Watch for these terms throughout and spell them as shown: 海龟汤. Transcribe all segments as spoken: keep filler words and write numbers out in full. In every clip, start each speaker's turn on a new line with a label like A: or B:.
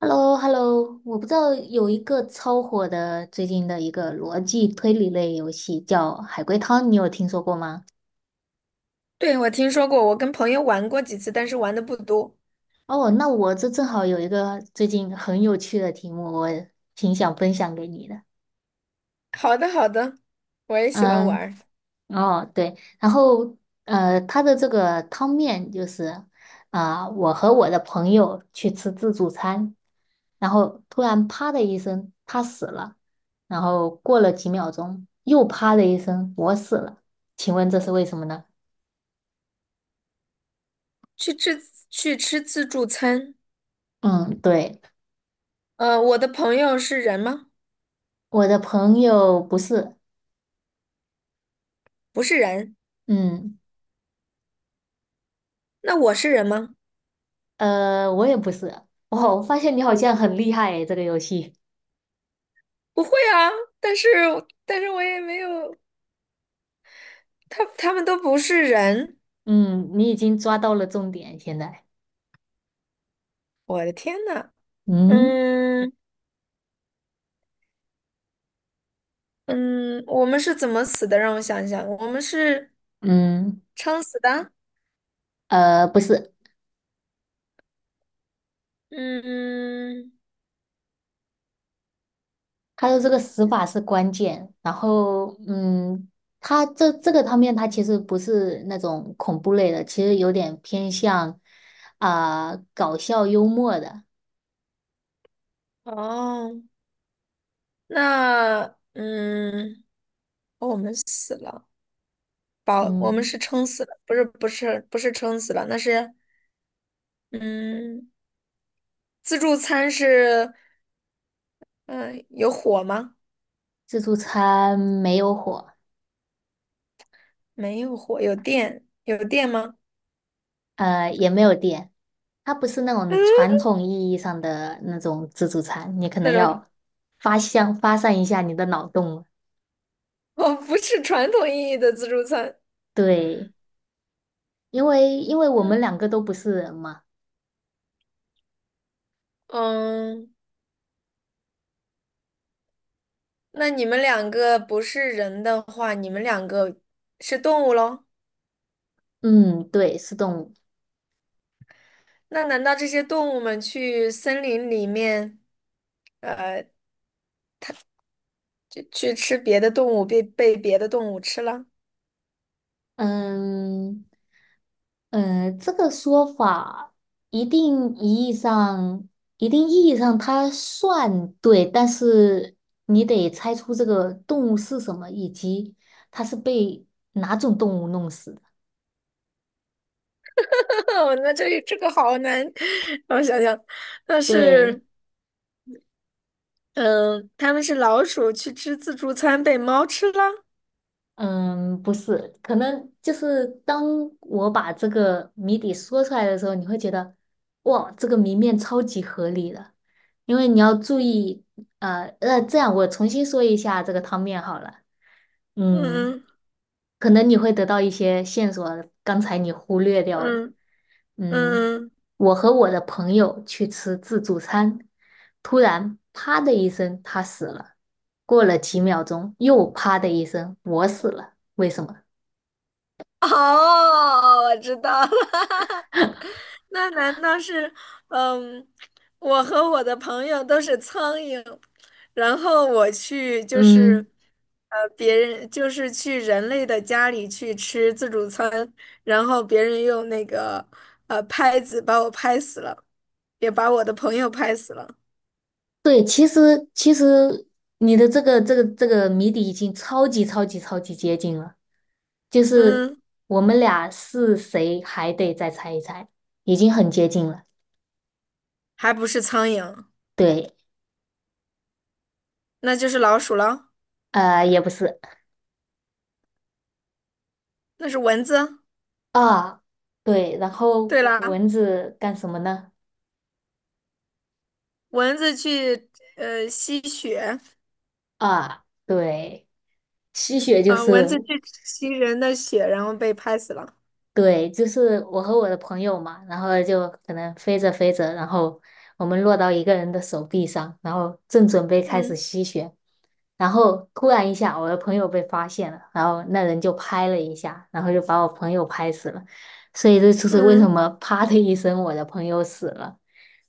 A: h e l l o h e l l o 我不知道有一个超火的最近的一个逻辑推理类游戏叫《海龟汤》，你有听说过吗？
B: 对，我听说过，我跟朋友玩过几次，但是玩的不多。
A: 哦，那我这正好有一个最近很有趣的题目，我挺想分享给你的。
B: 好的，好的，我也喜欢玩
A: 嗯，
B: 儿。
A: 哦，对，然后呃，它的这个汤面就是啊、我和我的朋友去吃自助餐，然后突然啪的一声，他死了，然后过了几秒钟，又啪的一声，我死了，请问这是为什么呢？
B: 去吃去吃自助餐。
A: 嗯，对，
B: 呃，我的朋友是人吗？
A: 我的朋友不是。
B: 不是人。
A: 嗯，
B: 那我是人吗？
A: 呃，我也不是。哦，我发现你好像很厉害诶，这个游戏。
B: 不会啊，但是但是我也没有，他他们都不是人。
A: 嗯，你已经抓到了重点，现在，
B: 我的天呐，
A: 嗯
B: 嗯嗯，我们是怎么死的？让我想一想，我们是
A: 嗯，
B: 撑死的。
A: 呃，不是。
B: 嗯，
A: 他的这个死法是关键，然后嗯，他这这个方面他其实不是那种恐怖类的，其实有点偏向啊、搞笑幽默的。
B: 哦，那嗯。哦我们死了，饱，我们
A: 嗯，
B: 是撑死了，不是不是不是撑死了，那是嗯，自助餐是嗯呃有火吗？
A: 自助餐没有火。
B: 没有火，有电，有电吗？
A: 呃，也没有电，它不是那 种
B: 嗯，
A: 传统意义上的那种自助餐，你可
B: 那
A: 能
B: 种
A: 要发向发散一下你的脑洞了。
B: 哦，不是传统意义的自助餐。
A: 对，因为因为我
B: 嗯
A: 们两个都不是人嘛。
B: 嗯，那你们两个不是人的话，你们两个是动物喽？
A: 嗯，对，是动物。
B: 那难道这些动物们去森林里面，呃，就去吃别的动物，被被别的动物吃了？
A: 嗯，呃，这个说法一定意义上，一定意义上它算对，但是你得猜出这个动物是什么，以及它是被哪种动物弄死的。
B: 哦，那这这个好难，让我想想，那
A: 对。
B: 是，嗯，他们是老鼠去吃自助餐被猫吃了，
A: 嗯，不是，可能就是当我把这个谜底说出来的时候，你会觉得，哇，这个谜面超级合理的，因为你要注意。呃，呃，这样我重新说一下这个汤面好了。嗯，
B: 嗯
A: 可能你会得到一些线索，刚才你忽略掉的。
B: 嗯嗯
A: 嗯，
B: 嗯，
A: 我和我的朋友去吃自助餐，突然啪的一声，他死了，过了几秒钟，又啪的一声，我死了，为什么？
B: 哦，我知道了，那难道是，嗯，我和我的朋友都是苍蝇，然后我去就
A: 嗯，
B: 是，呃，别人就是去人类的家里去吃自助餐，然后别人用那个呃拍子把我拍死了。也把我的朋友拍死了。
A: 对，其实其实你的这个这个这个谜底已经超级超级超级接近了，就是
B: 嗯，
A: 我们俩是谁还得再猜一猜，已经很接近了。
B: 还不是苍蝇，
A: 对。
B: 那就是老鼠了，
A: 呃，也不是。
B: 那是蚊子。
A: 啊，对，然后
B: 对啦，
A: 蚊子干什么呢？
B: 蚊子去呃吸血
A: 啊，对，吸血就
B: 啊，蚊
A: 是。
B: 子去吸人的血，然后被拍死了。
A: 对，就是我和我的朋友嘛，然后就可能飞着飞着，然后我们落到一个人的手臂上，然后正准备开始
B: 嗯
A: 吸血，然后突然一下，我的朋友被发现了，然后那人就拍了一下，然后就把我朋友拍死了，所以这就是为什
B: 嗯，
A: 么啪的一声，我的朋友死了。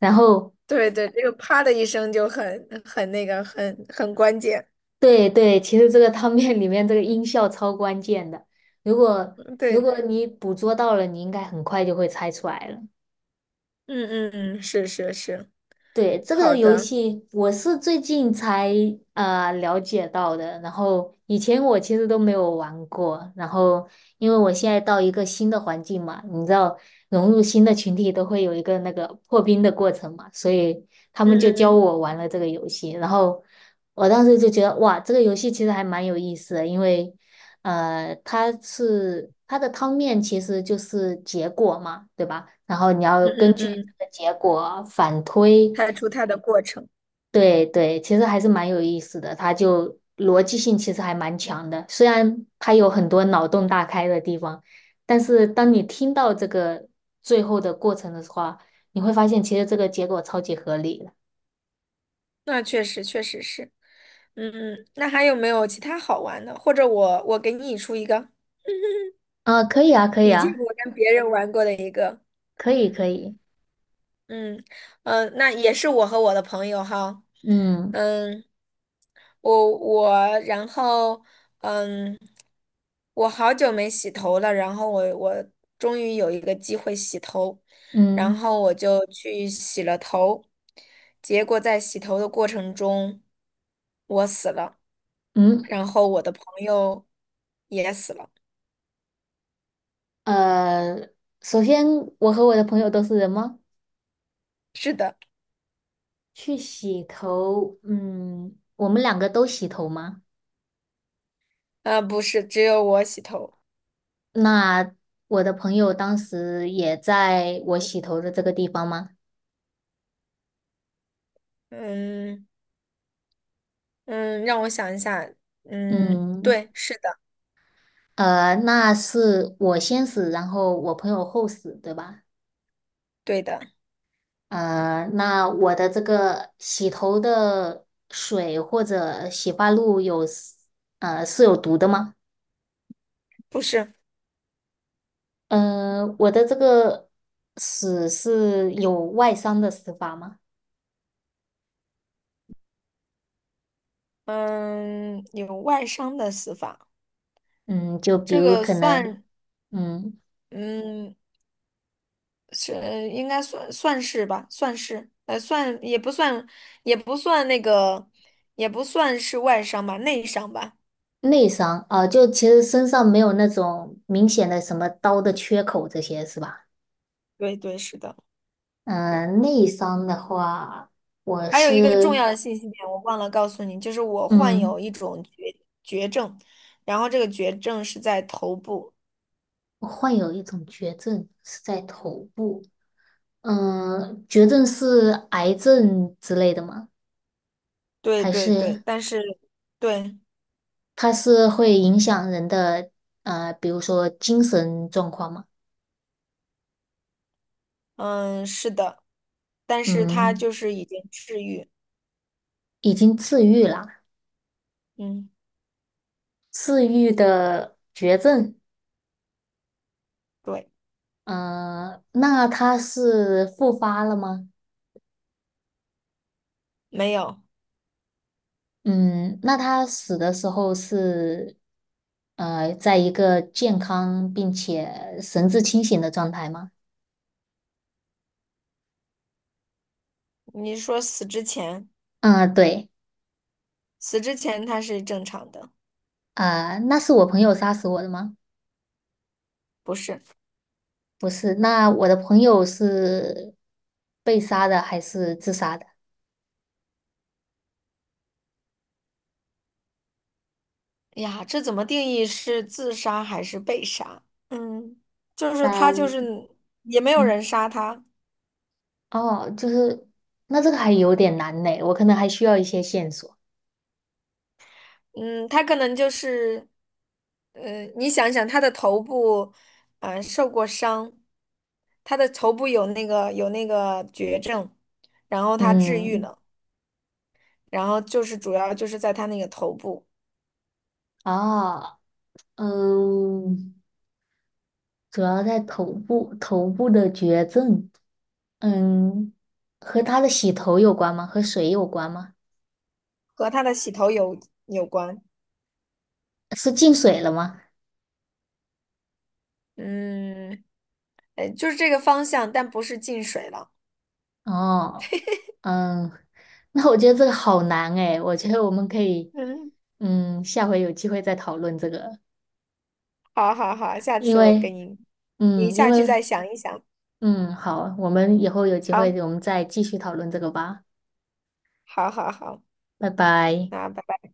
A: 然后，
B: 对对，这个啪的一声就很很那个，很很关键。
A: 对对，其实这个汤面里面这个音效超关键的。如果
B: 对
A: 如果
B: 对，
A: 你捕捉到了，你应该很快就会猜出来了。
B: 嗯嗯嗯，是是是，
A: 对，这个
B: 好
A: 游
B: 的，
A: 戏我是最近才呃了解到的，然后以前我其实都没有玩过，然后因为我现在到一个新的环境嘛，你知道融入新的群体都会有一个那个破冰的过程嘛，所以他
B: 嗯
A: 们就教
B: 嗯
A: 我玩了这个游戏，然后我当时就觉得哇，这个游戏其实还蛮有意思的，因为呃它是它的汤面其实就是结果嘛，对吧？然后你要
B: 嗯
A: 根
B: 嗯
A: 据
B: 嗯嗯，
A: 这个结果反推。
B: 拍出它的过程，
A: 对对，其实还是蛮有意思的，它就逻辑性其实还蛮强的，虽然它有很多脑洞大开的地方，但是当你听到这个最后的过程的话，你会发现其实这个结果超级合理的。
B: 那确实确实是。嗯，嗯，那还有没有其他好玩的？或者我我给你出一个，
A: 啊，可以啊，可以
B: 以前
A: 啊，
B: 我跟别人玩过的一个，
A: 可以可以。
B: 嗯嗯、呃那也是我和我的朋友哈，
A: 嗯
B: 嗯，我我然后嗯，我好久没洗头了，然后我我终于有一个机会洗头，然
A: 嗯
B: 后我就去洗了头，结果在洗头的过程中，我死了，
A: 嗯，
B: 然后我的朋友也死了。
A: 呃，首先我和我的朋友都是人吗？
B: 是的，
A: 去洗头，嗯，我们两个都洗头吗？
B: 啊、不是，只有我洗头。
A: 那我的朋友当时也在我洗头的这个地方吗？
B: 嗯嗯，让我想一下。嗯，
A: 嗯，
B: 对，是的，
A: 呃，那是我先死，然后我朋友后死，对吧？
B: 对的，
A: 呃，那我的这个洗头的水或者洗发露有，呃，是有毒的吗？
B: 不是。
A: 嗯、我的这个死是有外伤的死法吗？
B: 嗯，有外伤的死法，
A: 嗯，就比
B: 这
A: 如
B: 个
A: 可能，
B: 算，
A: 嗯。
B: 嗯，是应该算算是吧，算是，呃，算也不算，也不算那个，也不算是外伤吧，内伤吧。
A: 内伤啊，就其实身上没有那种明显的什么刀的缺口这些是吧？
B: 对对，是的。
A: 嗯，内伤的话，我
B: 还有一个重
A: 是
B: 要的信息点，我忘了告诉你，就是我患
A: 嗯，
B: 有一种绝绝症，然后这个绝症是在头部。
A: 我患有一种绝症是在头部。嗯，绝症是癌症之类的吗？
B: 对
A: 还
B: 对对，
A: 是
B: 但是对，
A: 它是会影响人的呃，比如说精神状况吗？
B: 嗯，是的，但是他
A: 嗯，
B: 就是已经治愈。
A: 已经治愈了，
B: 嗯，
A: 治愈的绝症。
B: 对，
A: 嗯，那他是复发了吗？
B: 没有。
A: 嗯，那他死的时候是，呃，在一个健康并且神志清醒的状态吗？
B: 你说死之前，
A: 嗯，对。
B: 死之前他是正常的，
A: 啊，那是我朋友杀死我的吗？
B: 不是？
A: 不是，那我的朋友是被杀的还是自杀的？
B: 哎呀，这怎么定义是自杀还是被杀？嗯，就是他就
A: 但，
B: 是也没有
A: 嗯，
B: 人杀他。
A: 哦，就是，那这个还有点难呢，我可能还需要一些线索。
B: 嗯，他可能就是，呃，你想想，他的头部，呃，受过伤，他的头部有那个有那个绝症，然后他治愈
A: 嗯，
B: 了，然后就是主要就是在他那个头部
A: 哦，嗯。主要在头部，头部的绝症。嗯，和他的洗头有关吗？和水有关吗？
B: 和他的洗头有有关，
A: 是进水了吗？
B: 嗯，呃，就是这个方向，但不是进水了。
A: 哦，嗯，那我觉得这个好难诶，我觉得我们可以，
B: 嗯，
A: 嗯，下回有机会再讨论这个，
B: 好好好，下
A: 因
B: 次我给
A: 为，
B: 你，你
A: 嗯，因
B: 下去
A: 为，
B: 再想一想。
A: 嗯，好，我们以后有机会
B: 好，
A: 我们再继续讨论这个吧，
B: 好，好，好，
A: 拜拜。
B: 那拜拜。